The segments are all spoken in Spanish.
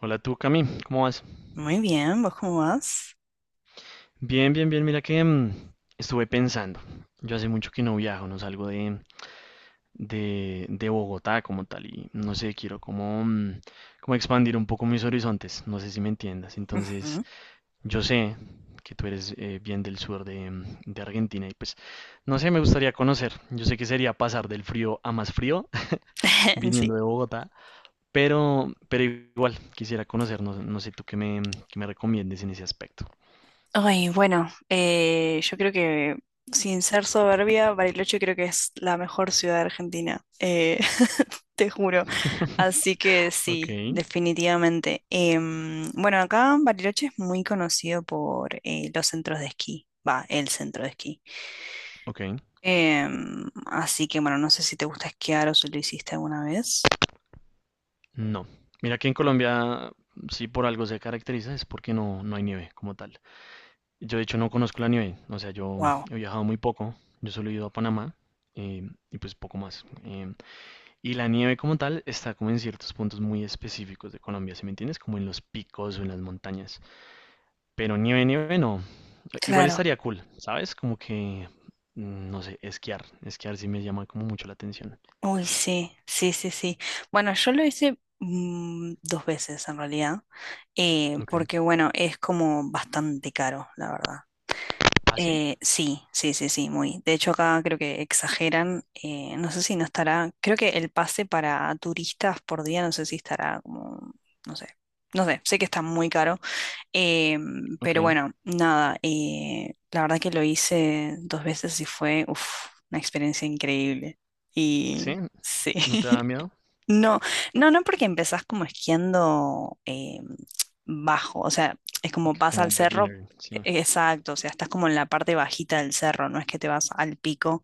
Hola tú, Cami, ¿cómo vas? Muy bien, ¿vos cómo vas? Bien, bien, bien, mira que estuve pensando. Yo hace mucho que no viajo, no salgo de, de Bogotá como tal y no sé, quiero como expandir un poco mis horizontes, no sé si me entiendas. Entonces, Ujú. yo sé que tú eres bien del sur de Argentina y pues, no sé, me gustaría conocer. Yo sé que sería pasar del frío a más frío viniendo Sí. de Bogotá, pero, igual quisiera conocer, no sé tú qué me recomiendes en ese aspecto. Ay, bueno, yo creo que sin ser soberbia, Bariloche creo que es la mejor ciudad de Argentina, te juro. Así que sí, Ok, definitivamente. Bueno, acá Bariloche es muy conocido por los centros de esquí, va, el centro de esquí. ok. Así que bueno, no sé si te gusta esquiar o si lo hiciste alguna vez. No. Mira que en Colombia, si por algo se caracteriza, es porque no hay nieve como tal. Yo, de hecho, no conozco la nieve. O sea, yo Wow. he viajado muy poco. Yo solo he ido a Panamá y pues poco más. Y la nieve como tal está como en ciertos puntos muy específicos de Colombia, ¿sí me entiendes? Como en los picos o en las montañas. Pero nieve, nieve no. Igual Claro. estaría cool, ¿sabes? Como que, no sé, esquiar. Esquiar sí me llama como mucho la atención. Uy, sí, sí, sí, sí. Bueno, yo lo hice dos veces en realidad, Ok. porque bueno, es como bastante caro, la verdad. ¿Ah, sí? Sí, sí, sí, sí, muy. De hecho, acá creo que exageran, no sé si no estará, creo que el pase para turistas por día, no sé si estará como, no sé, no sé, sé que está muy caro. Eh, Ok. pero bueno, nada, la verdad que lo hice dos veces y fue uf, una experiencia increíble. Sí, Y sí. ¿no te da miedo? No, no, no, porque empezás como esquiando bajo, o sea, es como Ok, vas como al cerro, beginner, sí. Exacto, o sea, estás como en la parte bajita del cerro, no es que te vas al pico,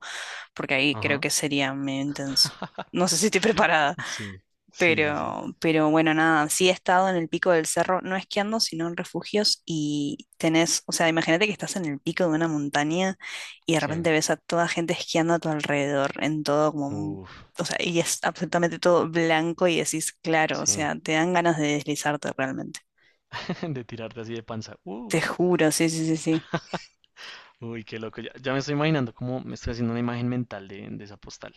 porque ahí creo Ajá, que sería medio intenso. No sé si estoy preparada. sí, sí, sí, sí. Pero bueno, nada, sí he estado en el pico del cerro, no esquiando, sino en refugios y tenés, o sea, imagínate que estás en el pico de una montaña y de Sí, repente ves a toda gente esquiando a tu alrededor, en todo como un, uff, o sea, y es absolutamente todo blanco y decís, claro, o sí. sea, te dan ganas de deslizarte realmente. De tirarte así de panza. Te juro, sí, sí, sí, sí. Uy, qué loco. Ya, ya me estoy imaginando cómo me estoy haciendo una imagen mental de, esa postal.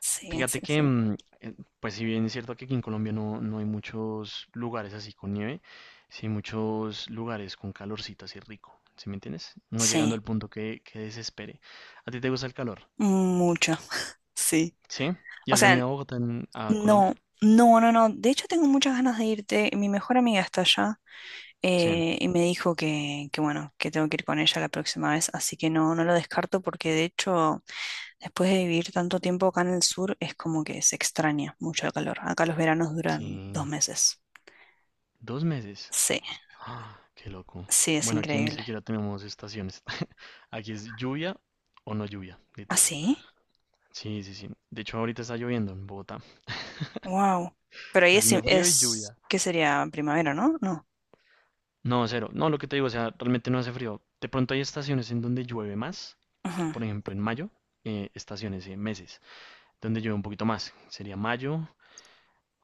Sí, sí, Fíjate que, sí. Pues si bien es cierto que aquí en Colombia no hay muchos lugares así con nieve, sí hay muchos lugares con calorcito así rico, ¿sí me entiendes? No llegando Sí, al punto que desespere. ¿A ti te gusta el calor? mucho, sí. ¿Sí? ¿Y O has sea, venido a Bogotá, a no, Colombia? no, no, no. De hecho, tengo muchas ganas de irte. Mi mejor amiga está allá. Sí. Y me dijo que bueno, que tengo que ir con ella la próxima vez, así que no, no lo descarto porque de hecho, después de vivir tanto tiempo acá en el sur, es como que se extraña mucho el calor. Acá los veranos duran dos Sí. meses. 2 meses. Sí, Ah, qué loco. sí, es Bueno, aquí ni increíble. siquiera tenemos estaciones. Aquí es lluvia o no lluvia, ¿Ah, literal. sí? Sí, sí, sí. De hecho, ahorita está lloviendo en Bogotá. Wow. Pero ahí Está es, haciendo frío y es, lluvia. ¿qué sería? Primavera, ¿no? No. No, cero. No, lo que te digo, o sea, realmente no hace frío. De pronto hay estaciones en donde llueve más. Ujú. Por ejemplo, en mayo, estaciones, meses, donde llueve un poquito más. Sería mayo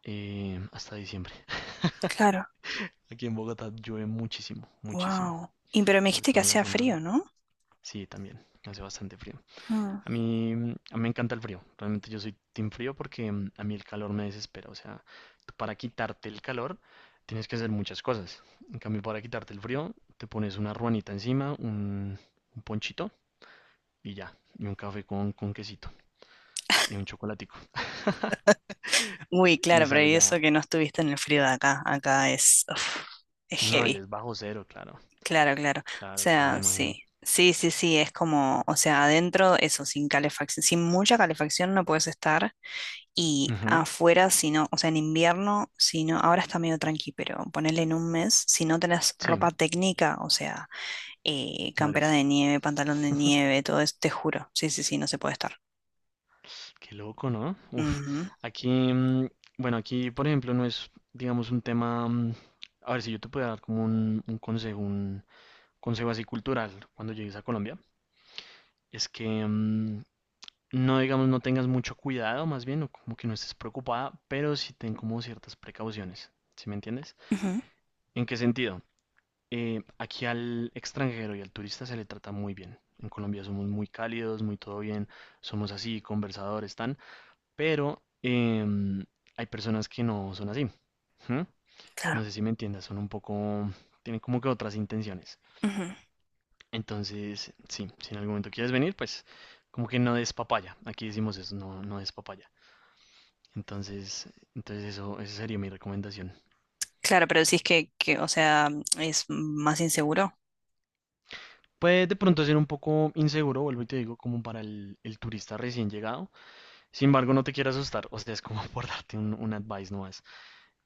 hasta diciembre. Claro. Aquí en Bogotá llueve muchísimo, muchísimo. Wow. Y pero me Sobre dijiste que todo en la hacía zona. frío, ¿no? Sí, también. Hace bastante frío. Ujú. A mí me encanta el frío. Realmente yo soy team frío porque a mí el calor me desespera. O sea, tú para quitarte el calor tienes que hacer muchas cosas. En cambio, para quitarte el frío, te pones una ruanita encima, un ponchito y ya. Y un café con quesito y un chocolatico. Uy, Y claro, pero sale y eso ya. que no estuviste en el frío de acá. Acá es, uf, es No, ya heavy. es bajo cero, claro. Claro, claro. O Claro, claro, me sea, imagino. sí. Sí, sí, sí, es como, o sea, adentro, eso, sin calefacción, sin mucha calefacción no puedes estar. Y Ujú, afuera, si no, o sea, en invierno, si no, ahora está medio tranqui, pero ponele en un mes, si no tenés sí, ropa técnica, o sea, campera mueres. de nieve, pantalón de nieve, todo eso, te juro. Sí, sí, sí, no se puede estar. Qué loco, ¿no? Uf, Ujú, aquí, bueno, aquí, por ejemplo, no es, digamos, un tema, a ver si yo te puedo dar como un consejo, un consejo así cultural cuando llegues a Colombia, es que no, digamos, no tengas mucho cuidado, más bien, o como que no estés preocupada, pero sí ten como ciertas precauciones, ¿sí me entiendes? ujú, ¿En qué sentido? Aquí al extranjero y al turista se le trata muy bien. En Colombia somos muy cálidos, muy todo bien, somos así, conversadores, tan. Pero hay personas que no son así. ¿Mm? claro. No sé si me entiendas, son un poco, tienen como que otras intenciones. Ujú. Entonces, sí, si en algún momento quieres venir, pues como que no des papaya. Aquí decimos eso, no des papaya. Entonces, eso, esa sería mi recomendación. Claro, pero decís que, o sea, es más inseguro. Puede de pronto ser un poco inseguro, vuelvo y te digo, como para el, turista recién llegado. Sin embargo, no te quiero asustar, o sea, es como por darte un advice, no.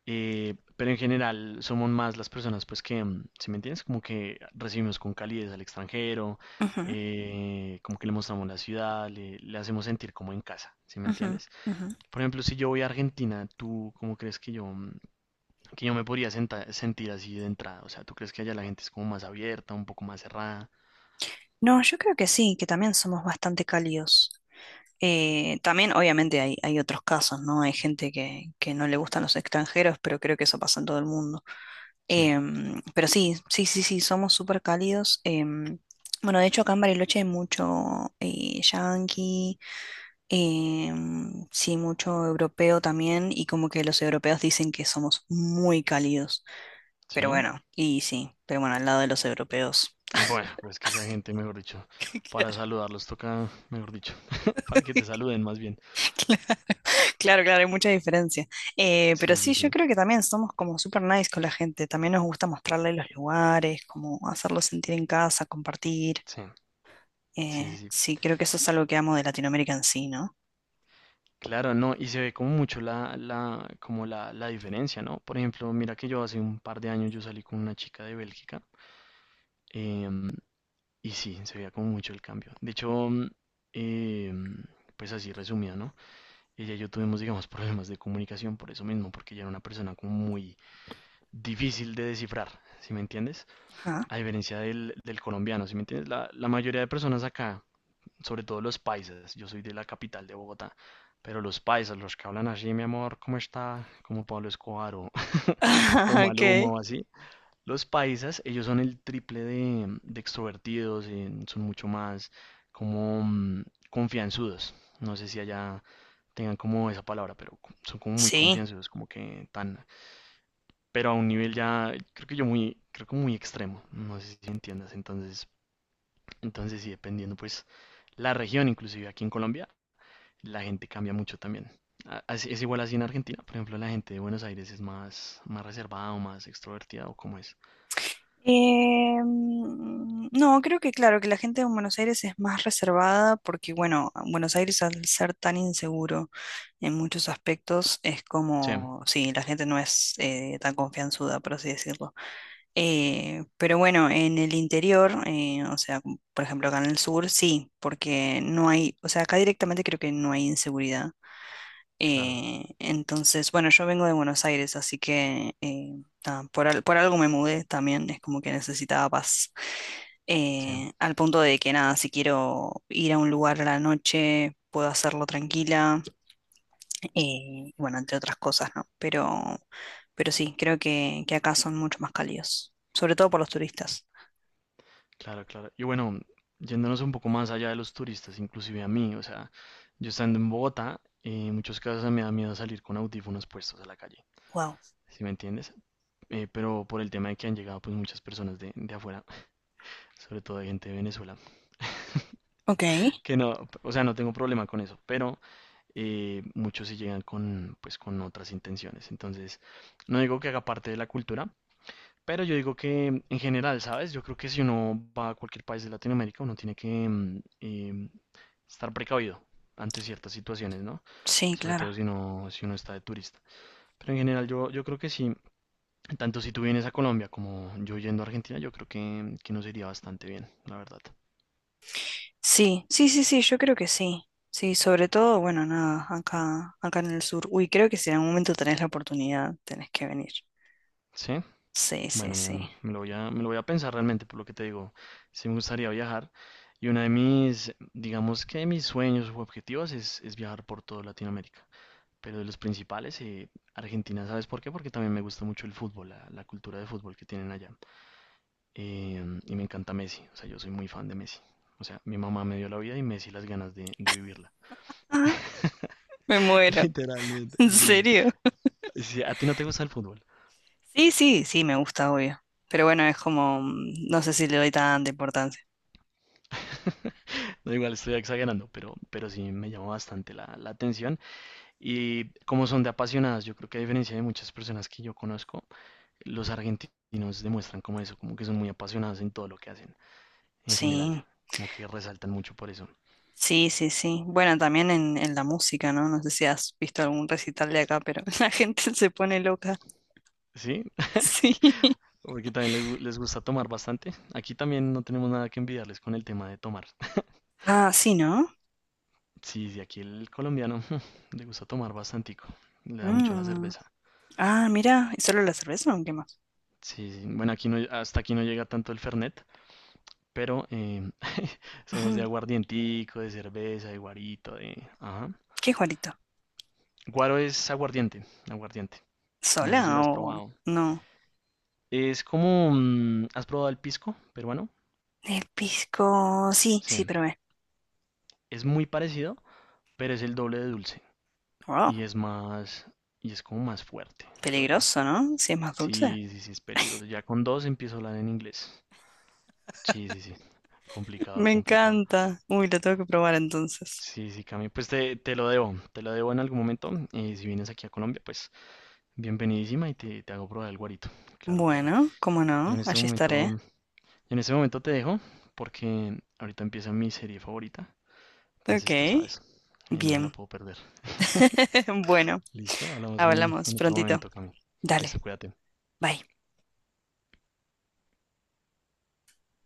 Pero en general somos más las personas, pues que, si me entiendes, como que recibimos con calidez al extranjero, Ujú, como que le mostramos la ciudad, le hacemos sentir como en casa, ¿si me ujú, entiendes? ujú. Por ejemplo, si yo voy a Argentina, ¿tú cómo crees que yo me podría sentir así de entrada? O sea, ¿tú crees que allá la gente es como más abierta, un poco más cerrada? No, yo creo que sí, que también somos bastante cálidos. También, obviamente, hay otros casos, ¿no? Hay gente que no le gustan los extranjeros, pero creo que eso pasa en todo el mundo. Sí, Pero sí, sí, sí, sí, somos súper cálidos. Bueno, de hecho, acá en Bariloche hay mucho yanqui, sí, mucho europeo también, y como que los europeos dicen que somos muy cálidos. Pero sí. bueno, y sí, pero bueno, al lado de los europeos. Bueno, pues es que esa gente, mejor dicho, para Claro. saludarlos toca, mejor dicho, para que te saluden más bien. Claro, claro, hay mucha diferencia. Pero Sí, sí, sí, sí. yo creo que también somos como super nice con la gente. También nos gusta mostrarle los lugares, como hacerlos sentir en casa, compartir. Sí, sí, Eh, sí, sí. sí, creo que eso es algo que amo de Latinoamérica en sí, ¿no? Claro, no, y se ve como mucho como la diferencia, ¿no? Por ejemplo, mira que yo hace un par de años yo salí con una chica de Bélgica em, y sí, se veía como mucho el cambio. De hecho, em, pues así resumida, ¿no? Ella y yo tuvimos, digamos, problemas de comunicación por eso mismo, porque ella era una persona como muy difícil de descifrar, ¿sí me entiendes? Ajá. A diferencia del, colombiano, ¿sí me entiendes? La mayoría de personas acá sobre todo los paisas. Yo soy de la capital de Bogotá, pero los paisas, los que hablan así, mi amor, ¿cómo está? Como Pablo Escobar o, o Maluma Ok. o así. Los paisas, ellos son el triple de extrovertidos, son mucho más como confianzudos. No sé si allá tengan como esa palabra, pero son como muy Sí, confianzudos, como que tan, pero a un nivel ya, creo que muy extremo, no sé si me entiendas. Entonces, sí, dependiendo pues la región, inclusive aquí en Colombia la gente cambia mucho también. Es igual así en Argentina. Por ejemplo, la gente de Buenos Aires es más reservada o más extrovertida o como es. No, creo que claro, que la gente en Buenos Aires es más reservada porque, bueno, Buenos Aires al ser tan inseguro en muchos aspectos es Sí, como, sí, la gente no es tan confianzuda, por así decirlo. Pero bueno, en el interior, o sea, como por ejemplo acá en el sur, sí, porque no hay, o sea, acá directamente creo que no hay inseguridad. claro, Entonces, bueno, yo vengo de Buenos Aires, así que nada, por algo me mudé también, es como que necesitaba paz. sí, Al punto de que nada, si quiero ir a un lugar a la noche, puedo hacerlo tranquila, y bueno, entre otras cosas, ¿no? Pero sí, creo que acá son mucho más cálidos, sobre todo por los turistas. claro, claro. Y bueno, yéndonos un poco más allá de los turistas, inclusive a mí, o sea, yo estando en Bogotá, en muchos casos me da miedo salir con audífonos puestos a la calle, Wow. ¿sí me entiendes? Pero por el tema de que han llegado pues muchas personas de, afuera, sobre todo de gente de Venezuela. Ok, Que no, o sea, no tengo problema con eso, pero muchos sí llegan pues con otras intenciones. Entonces, no digo que haga parte de la cultura, pero yo digo que en general, ¿sabes? Yo creo que si uno va a cualquier país de Latinoamérica, uno tiene que estar precavido ante ciertas situaciones, ¿no? sí, Sobre claro. todo si uno, está de turista. Pero en general, yo creo que sí, tanto si tú vienes a Colombia como yo yendo a Argentina, yo creo que, nos iría bastante bien, la verdad. Sí, sí, sí, sí, yo creo que sí. Sí, sobre todo, bueno, nada, acá en el sur. Uy, creo que si en algún momento tenés la oportunidad, tenés que venir. ¿Sí? Sí, sí, Bueno, sí. me lo voy a pensar realmente por lo que te digo. Sí me gustaría viajar. Y una de mis, digamos que mis sueños u objetivos es viajar por toda Latinoamérica. Pero de los principales, Argentina, ¿sabes por qué? Porque también me gusta mucho el fútbol, la cultura de fútbol que tienen allá. Y me encanta Messi, o sea, yo soy muy fan de Messi. O sea, mi mamá me dio la vida y Messi las ganas de, vivirla. Ajá, me muero. Literalmente, ¿En sí. serio? Sí. Sí, a ti no te gusta el fútbol. Sí, sí, sí, me gusta, obvio. Pero bueno, es como, no sé si le doy tanta importancia. No, igual estoy exagerando, pero sí me llama bastante la atención. Y como son de apasionados, yo creo que a diferencia de muchas personas que yo conozco, los argentinos demuestran como eso, como que son muy apasionados en todo lo que hacen, en general, Sí, como que resaltan mucho por eso. sí, sí, sí. Bueno, también en la música, ¿no? No sé si has visto algún recital de acá, pero la gente se pone loca. Sí, Sí. porque también le les gusta tomar bastante. Aquí también no tenemos nada que envidiarles con el tema de tomar. Ah, sí, ¿no? Sí, sí, aquí el colombiano le gusta tomar bastantico, le da mucho a la Mm. cerveza. Ah, mira, ¿y solo la cerveza o qué más? Sí, sí, bueno, aquí no, hasta aquí no llega tanto el fernet, pero somos de Ujú. aguardientico, de cerveza, de guarito, de... Ajá. ¿Qué Juanito? Guaro es aguardiente, aguardiente. No ¿Sola sé si lo has o probado. no? Es como, ¿has probado el pisco peruano? El pisco, sí, Sí, sí, probé. es muy parecido, pero es el doble de dulce Wow, y es más, y es como más fuerte, creo yo. peligroso, ¿no? Si es más dulce. Sí, sí, sí, es peligroso. Ya con dos empiezo a hablar en inglés. Sí, sí, sí. Complicado, Me complicado. encanta. Uy, lo tengo que probar entonces. Sí, sí, Cami, pues te lo debo, te lo debo en algún momento. Y si vienes aquí a Colombia, pues bienvenidísima y te hago probar el guarito. Claro, claro. Bueno, cómo Yo en no, este allí momento estaré. En ese momento te dejo porque ahorita empieza mi serie favorita. Ok, Entonces tú sabes, no me la bien. puedo perder. Bueno, Listo, hablamos en, hablamos en otro prontito. momento, Cami. Dale, Listo, cuídate. bye.